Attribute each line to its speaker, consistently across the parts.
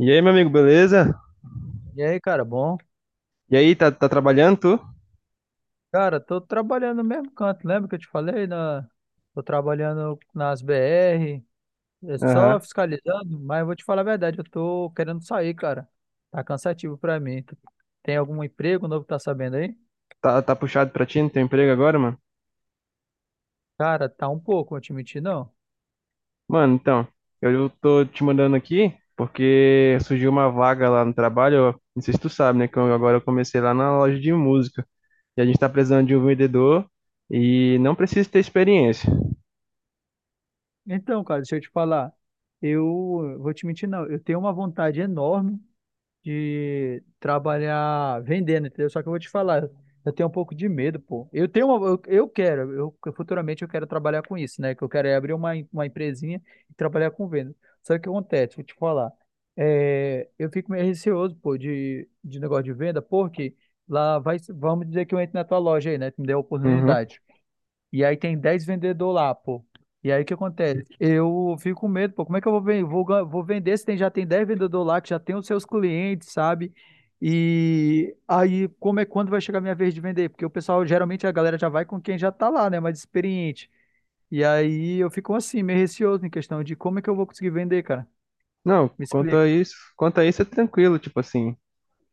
Speaker 1: E aí, meu amigo, beleza?
Speaker 2: E aí, cara, bom?
Speaker 1: E aí, tá trabalhando tu?
Speaker 2: Cara, tô trabalhando no mesmo canto, lembra que eu te falei? Na... Tô trabalhando nas BR, é
Speaker 1: Aham.
Speaker 2: só fiscalizando, mas eu vou te falar a verdade, eu tô querendo sair, cara. Tá cansativo pra mim. Tem algum emprego novo que tá sabendo aí?
Speaker 1: Tá puxado pra ti no teu emprego agora, mano?
Speaker 2: Cara, tá um pouco, vou te mentir, não.
Speaker 1: Mano, então, eu tô te mandando aqui porque surgiu uma vaga lá no trabalho, não sei se tu sabe, né, que agora eu comecei lá na loja de música. E a gente tá precisando de um vendedor e não precisa ter experiência.
Speaker 2: Então, cara, deixa eu te falar. Eu vou te mentir, não. Eu tenho uma vontade enorme de trabalhar vendendo, entendeu? Só que eu vou te falar, eu tenho um pouco de medo, pô. Eu tenho uma, eu quero, eu futuramente eu quero trabalhar com isso, né? Que eu quero é abrir uma empresinha e trabalhar com venda. Só que o que acontece, vou te falar, é, eu fico meio receoso, pô, de negócio de venda, porque lá vai, vamos dizer que eu entro na tua loja aí, né? Tu me deu a
Speaker 1: Uhum.
Speaker 2: oportunidade. E aí tem 10 vendedores lá, pô. E aí o que acontece? Eu fico com medo, pô. Como é que eu vou vender se tem, já tem 10 vendedores lá que já tem os seus clientes, sabe? E aí, como é quando vai chegar a minha vez de vender? Porque o pessoal, geralmente a galera já vai com quem já tá lá, né? Mais experiente. E aí eu fico assim, meio receoso em questão de como é que eu vou conseguir vender, cara.
Speaker 1: Não,
Speaker 2: Me
Speaker 1: quanto
Speaker 2: explica.
Speaker 1: a isso, quanto a isso é tranquilo, tipo assim.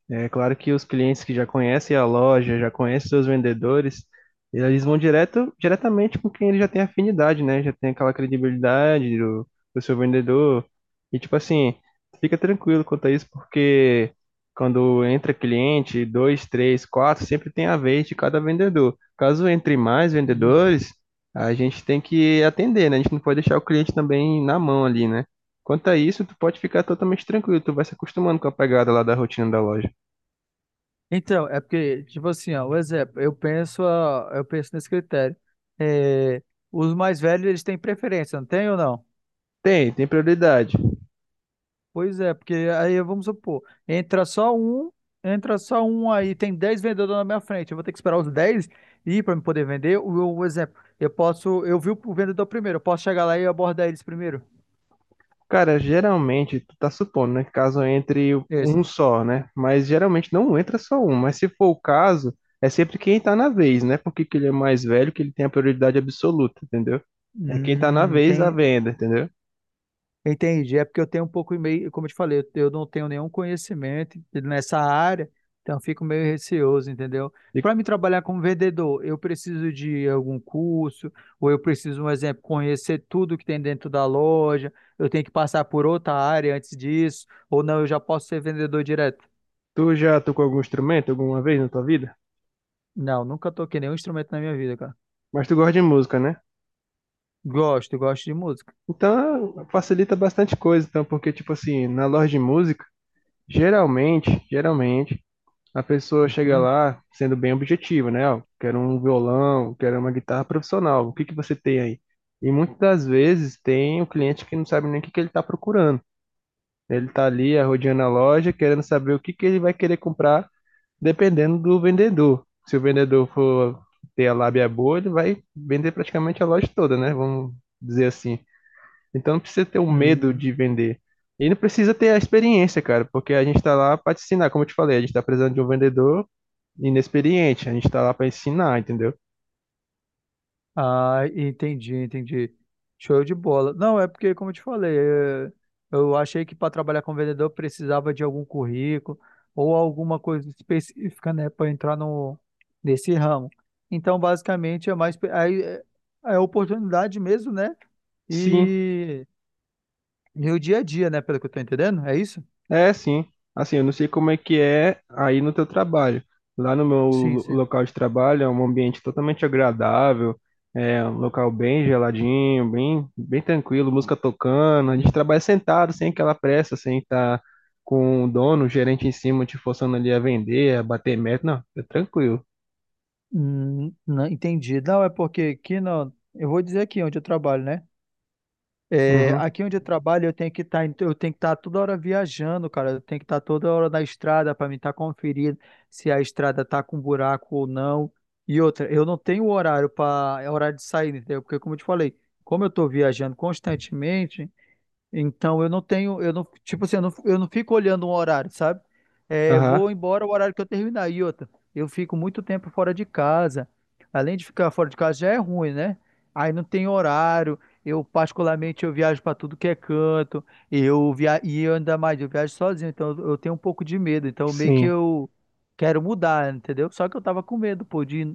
Speaker 1: É claro que os clientes que já conhecem a loja, já conhecem seus vendedores, eles vão diretamente com quem ele já tem afinidade, né? Já tem aquela credibilidade do seu vendedor. E tipo assim, fica tranquilo quanto a isso, porque quando entra cliente, dois, três, quatro, sempre tem a vez de cada vendedor. Caso entre mais
Speaker 2: Uhum.
Speaker 1: vendedores, a gente tem que atender, né? A gente não pode deixar o cliente também na mão ali, né? Quanto a isso, tu pode ficar totalmente tranquilo, tu vai se acostumando com a pegada lá da rotina da loja.
Speaker 2: Então, é porque, tipo assim, ó, o exemplo, eu penso, ó, eu penso nesse critério. É, os mais velhos, eles têm preferência, não tem ou não?
Speaker 1: Tem prioridade.
Speaker 2: Pois é, porque aí vamos supor, entra só um, entra só um aí, tem 10 vendedores na minha frente. Eu vou ter que esperar os 10 ir para me poder vender. O exemplo, eu posso, eu vi o vendedor primeiro, eu posso chegar lá e abordar eles primeiro.
Speaker 1: Cara, geralmente, tu tá supondo, né, que caso entre um
Speaker 2: Esse.
Speaker 1: só, né? Mas geralmente não entra só um. Mas se for o caso, é sempre quem tá na vez, né? Porque que ele é mais velho, que ele tem a prioridade absoluta, entendeu? É quem tá na
Speaker 2: Hum.
Speaker 1: vez da venda, entendeu?
Speaker 2: Entendi, é porque eu tenho um pouco meio, como eu te falei, eu não tenho nenhum conhecimento nessa área, então eu fico meio receoso, entendeu?
Speaker 1: E
Speaker 2: Para me trabalhar como vendedor, eu preciso de algum curso, ou eu preciso, um exemplo, conhecer tudo que tem dentro da loja, eu tenho que passar por outra área antes disso, ou não, eu já posso ser vendedor direto.
Speaker 1: tu já tocou algum instrumento alguma vez na tua vida?
Speaker 2: Não, nunca toquei nenhum instrumento na minha vida, cara.
Speaker 1: Mas tu gosta de música, né?
Speaker 2: Gosto, gosto de música.
Speaker 1: Então, facilita bastante coisa, então, porque, tipo assim, na loja de música, geralmente, a pessoa chega
Speaker 2: Hum,
Speaker 1: lá sendo bem objetiva, né? Ó, quero um violão, quero uma guitarra profissional. O que que você tem aí? E muitas das vezes tem o cliente que não sabe nem o que que ele está procurando. Ele está ali arrodeando a loja, querendo saber o que que ele vai querer comprar, dependendo do vendedor. Se o vendedor for ter a lábia boa, ele vai vender praticamente a loja toda, né? Vamos dizer assim. Então não precisa ter o medo
Speaker 2: hum.
Speaker 1: de vender. E não precisa ter a experiência, cara, porque a gente está lá para te ensinar, como eu te falei, a gente está precisando de um vendedor inexperiente, a gente está lá para ensinar, entendeu?
Speaker 2: Ah, entendi, entendi. Show de bola. Não, é porque, como eu te falei, é, eu achei que para trabalhar com vendedor precisava de algum currículo ou alguma coisa específica, né, para entrar no, nesse ramo. Então, basicamente, é mais aí é, é oportunidade mesmo, né?
Speaker 1: Sim,
Speaker 2: E, meu dia a dia, né, pelo que eu tô entendendo, é isso?
Speaker 1: é, sim. Assim, eu não sei como é que é aí no teu trabalho. Lá no meu
Speaker 2: Sim, sim.
Speaker 1: local de trabalho é um ambiente totalmente agradável, é um local bem geladinho, bem, bem tranquilo, música tocando. A gente trabalha sentado, sem aquela pressa, sem estar com o dono, o gerente em cima te forçando ali a vender, a bater meta. Não, é tranquilo.
Speaker 2: Não, entendi. Não, é porque aqui não, eu vou dizer aqui onde eu trabalho, né? É,
Speaker 1: Uhum.
Speaker 2: aqui onde eu trabalho, eu tenho que estar toda hora viajando, cara. Eu tenho que estar toda hora na estrada para mim estar conferindo se a estrada tá com buraco ou não. E outra, eu não tenho horário para, é horário de sair, entendeu? Porque como eu te falei, como eu estou viajando constantemente, então eu não tenho, eu não, tipo assim, eu não fico olhando um horário, sabe? É, eu
Speaker 1: Aham.
Speaker 2: vou embora o horário que eu terminar. E outra, eu fico muito tempo fora de casa. Além de ficar fora de casa já é ruim, né? Aí não tem horário. Eu particularmente eu viajo para tudo que é canto. Eu ainda mais, eu viajo sozinho, então eu tenho um pouco de medo. Então meio que
Speaker 1: Sim,
Speaker 2: eu quero mudar, entendeu? Só que eu tava com medo, pô, de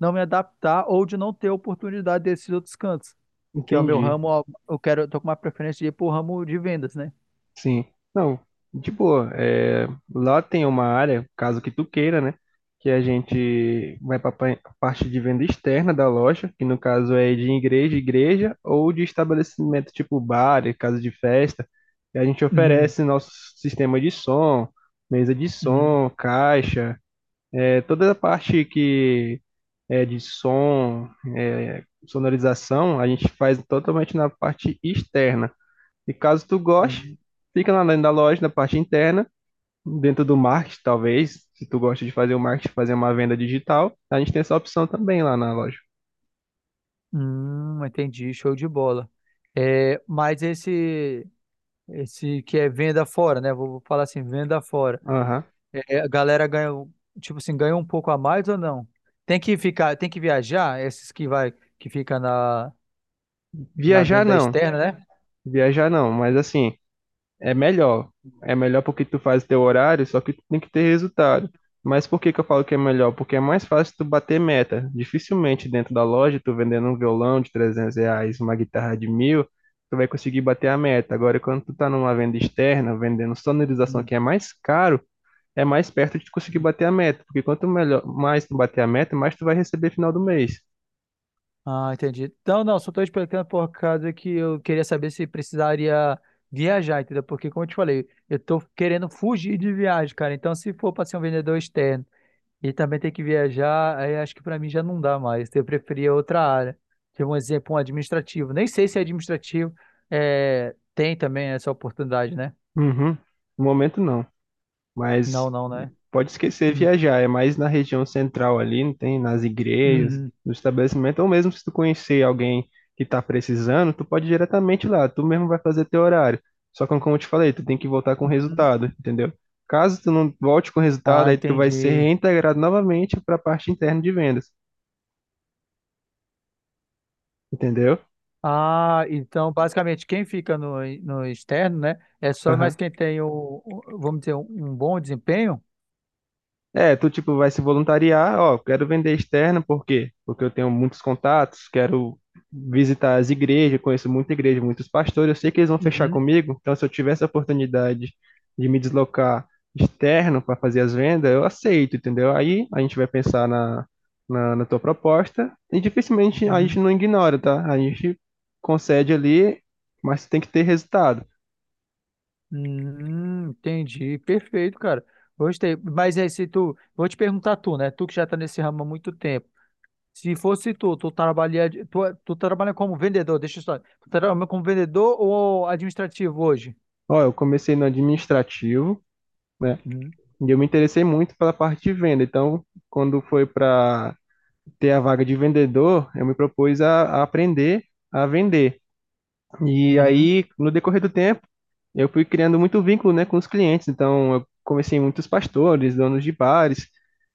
Speaker 2: não me adaptar ou de não ter oportunidade desses outros cantos, que é o meu
Speaker 1: entendi.
Speaker 2: ramo eu quero, eu tô com uma preferência de ir pro ramo de vendas, né?
Speaker 1: Sim, não, de boa. É, lá tem uma área, caso que tu queira, né? Que a gente vai para a parte de venda externa da loja, que no caso é de igreja, igreja ou de estabelecimento tipo bar, e casa de festa. E a gente
Speaker 2: Uhum,
Speaker 1: oferece nosso sistema de som, mesa de
Speaker 2: uhum,
Speaker 1: som, caixa, toda a parte que é de som, sonorização, a gente faz totalmente na parte externa. E caso tu goste,
Speaker 2: uhum.
Speaker 1: fica lá dentro da loja, na parte interna, dentro do marketing, talvez. Se tu gosta de fazer o marketing, fazer uma venda digital, a gente tem essa opção também lá na loja.
Speaker 2: Entendi, show de bola. É, mas esse que é venda fora, né? Vou falar assim, venda fora.
Speaker 1: Aham.
Speaker 2: É, a galera ganha, tipo assim, ganha um pouco a mais ou não? Tem que ficar, tem que viajar, esses que vai, que fica na
Speaker 1: Viajar
Speaker 2: venda
Speaker 1: não,
Speaker 2: externa, né?
Speaker 1: viajar não, mas assim. É melhor. É melhor porque tu faz teu horário, só que tu tem que ter resultado. Mas por que que eu falo que é melhor? Porque é mais fácil tu bater meta. Dificilmente dentro da loja, tu vendendo um violão de R$ 300, uma guitarra de 1.000, tu vai conseguir bater a meta. Agora, quando tu tá numa venda externa, vendendo sonorização
Speaker 2: Hum.
Speaker 1: que é mais caro, é mais perto de tu conseguir bater a meta. Porque quanto melhor, mais tu bater a meta, mais tu vai receber final do mês.
Speaker 2: Ah, entendi. Então, não, só tô explicando por causa que eu queria saber se precisaria viajar, entendeu? Porque, como eu te falei, eu estou querendo fugir de viagem, cara. Então, se for para ser um vendedor externo e também ter que viajar, aí acho que para mim já não dá mais. Eu preferia outra área. Tipo, um exemplo, um administrativo. Nem sei se é administrativo é, tem também essa oportunidade, né?
Speaker 1: Uhum. No momento não. Mas
Speaker 2: Não, não, né?
Speaker 1: pode esquecer
Speaker 2: Uhum.
Speaker 1: viajar, é mais na região central ali, não tem nas igrejas,
Speaker 2: Uhum.
Speaker 1: no estabelecimento, ou mesmo se tu conhecer alguém que tá precisando, tu pode ir diretamente lá, tu mesmo vai fazer teu horário. Só que como eu te falei, tu tem que voltar com
Speaker 2: Uhum.
Speaker 1: resultado, entendeu? Caso tu não volte com resultado,
Speaker 2: Ah,
Speaker 1: aí tu vai ser
Speaker 2: entendi.
Speaker 1: reintegrado novamente para a parte interna de vendas, entendeu?
Speaker 2: Ah, então basicamente quem fica no externo, né? É só
Speaker 1: Aham.
Speaker 2: mais quem tem vamos dizer, um bom desempenho.
Speaker 1: É, tu tipo vai se voluntariar, ó, quero vender externa, por quê? Porque eu tenho muitos contatos, quero visitar as igrejas, conheço muita igreja, muitos pastores, eu sei que eles vão fechar
Speaker 2: Uhum,
Speaker 1: comigo, então se eu tiver essa oportunidade de me deslocar externo para fazer as vendas, eu aceito, entendeu? Aí a gente vai pensar na tua proposta e dificilmente a
Speaker 2: uhum.
Speaker 1: gente não ignora, tá? A gente concede ali, mas tem que ter resultado.
Speaker 2: Entendi, perfeito, cara. Gostei. Mas aí se tu, vou te perguntar tu, né? Tu que já tá nesse ramo há muito tempo. Se fosse tu, tu trabalha como vendedor, deixa eu só. Tu trabalha como vendedor ou administrativo hoje?
Speaker 1: Ó, eu comecei no administrativo, né?
Speaker 2: Uhum,
Speaker 1: E eu me interessei muito pela parte de venda. Então, quando foi para ter a vaga de vendedor, eu me propus a aprender a vender. E
Speaker 2: uhum,
Speaker 1: aí, no decorrer do tempo, eu fui criando muito vínculo, né, com os clientes. Então, eu comecei muitos pastores, donos de bares.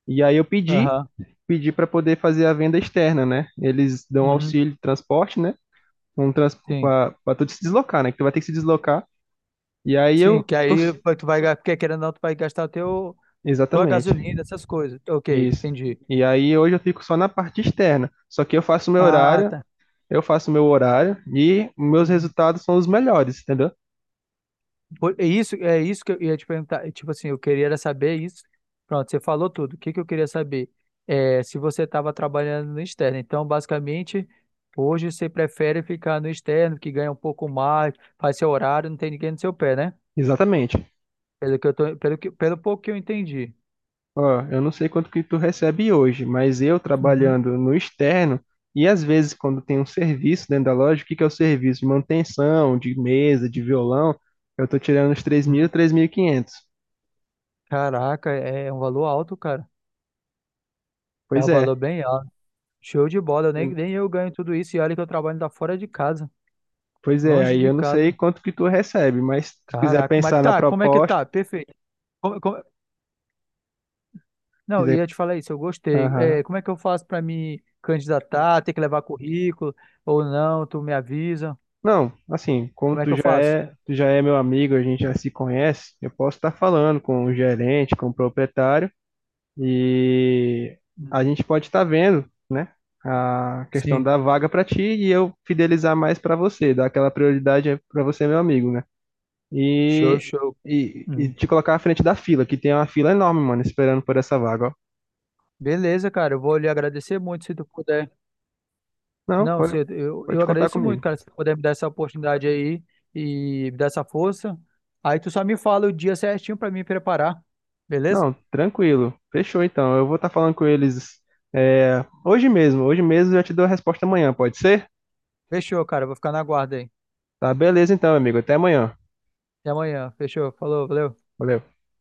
Speaker 1: E aí eu pedi,
Speaker 2: aham,
Speaker 1: pedi para poder fazer a venda externa, né? Eles dão
Speaker 2: uhum,
Speaker 1: auxílio de transporte, né? Um trans
Speaker 2: sim.
Speaker 1: para tu se deslocar, né? Que tu vai ter que se deslocar. E aí
Speaker 2: Sim,
Speaker 1: eu
Speaker 2: que
Speaker 1: tô
Speaker 2: aí tu vai, porque querendo ou não, tu vai gastar o teu Tua
Speaker 1: exatamente.
Speaker 2: gasolina, essas coisas. Ok,
Speaker 1: Isso.
Speaker 2: entendi.
Speaker 1: E aí hoje eu fico só na parte externa. Só que eu faço meu
Speaker 2: Ah,
Speaker 1: horário,
Speaker 2: tá.
Speaker 1: eu faço meu horário e meus
Speaker 2: Uhum.
Speaker 1: resultados são os melhores, entendeu?
Speaker 2: Pô, é isso que eu ia te perguntar. É, tipo assim, eu queria era saber isso. Pronto, você falou tudo. O que que eu queria saber? É, se você estava trabalhando no externo. Então, basicamente, hoje você prefere ficar no externo, que ganha um pouco mais, faz seu horário, não tem ninguém no seu pé, né?
Speaker 1: Exatamente.
Speaker 2: Pelo pouco que eu entendi.
Speaker 1: Ó, eu não sei quanto que tu recebe hoje, mas eu
Speaker 2: Uhum.
Speaker 1: trabalhando no externo e às vezes quando tem um serviço dentro da loja, o que que é o serviço? De manutenção, de mesa, de violão, eu tô tirando uns 3.000,
Speaker 2: Uhum.
Speaker 1: 3.500.
Speaker 2: Caraca, é um valor alto, cara. É
Speaker 1: Pois
Speaker 2: um valor
Speaker 1: é.
Speaker 2: bem alto. Show de bola, eu nem,
Speaker 1: Eu-
Speaker 2: nem eu ganho tudo isso e olha que eu trabalho da fora de casa.
Speaker 1: Pois é,
Speaker 2: Longe
Speaker 1: aí
Speaker 2: de
Speaker 1: eu não sei
Speaker 2: casa.
Speaker 1: quanto que tu recebe, mas se quiser
Speaker 2: Caraca, mas
Speaker 1: pensar na
Speaker 2: tá, como é que
Speaker 1: proposta,
Speaker 2: tá? Perfeito. Como- como- Não,
Speaker 1: quiser,
Speaker 2: ia te falar isso, eu gostei. É, como é que eu faço pra me candidatar? Tem que levar currículo ou não? Tu me avisa.
Speaker 1: não, assim, como
Speaker 2: Como é
Speaker 1: tu
Speaker 2: que eu
Speaker 1: já
Speaker 2: faço?
Speaker 1: é, tu já é meu amigo, a gente já se conhece, eu posso estar falando com o gerente, com o proprietário e a
Speaker 2: Uhum.
Speaker 1: gente pode estar vendo, né, a questão
Speaker 2: Sim.
Speaker 1: da vaga para ti e eu fidelizar mais para você, dar aquela prioridade para você, meu amigo, né?
Speaker 2: Show,
Speaker 1: E,
Speaker 2: show.
Speaker 1: e
Speaker 2: Uhum.
Speaker 1: te colocar à frente da fila, que tem uma fila enorme, mano, esperando por essa vaga, ó.
Speaker 2: Beleza, cara, eu vou lhe agradecer muito se tu puder.
Speaker 1: Não,
Speaker 2: Não, se,
Speaker 1: pode,
Speaker 2: eu
Speaker 1: pode contar
Speaker 2: agradeço muito,
Speaker 1: comigo.
Speaker 2: cara, se tu puder me dar essa oportunidade aí e me dar essa força. Aí tu só me fala o dia certinho pra me preparar, beleza?
Speaker 1: Não, tranquilo. Fechou então. Eu vou estar falando com eles hoje mesmo. Hoje mesmo eu já te dou a resposta amanhã, pode ser?
Speaker 2: Fechou, cara, eu vou ficar na guarda aí.
Speaker 1: Tá, beleza então, amigo. Até amanhã.
Speaker 2: Até amanhã. Fechou. Falou, valeu.
Speaker 1: Valeu.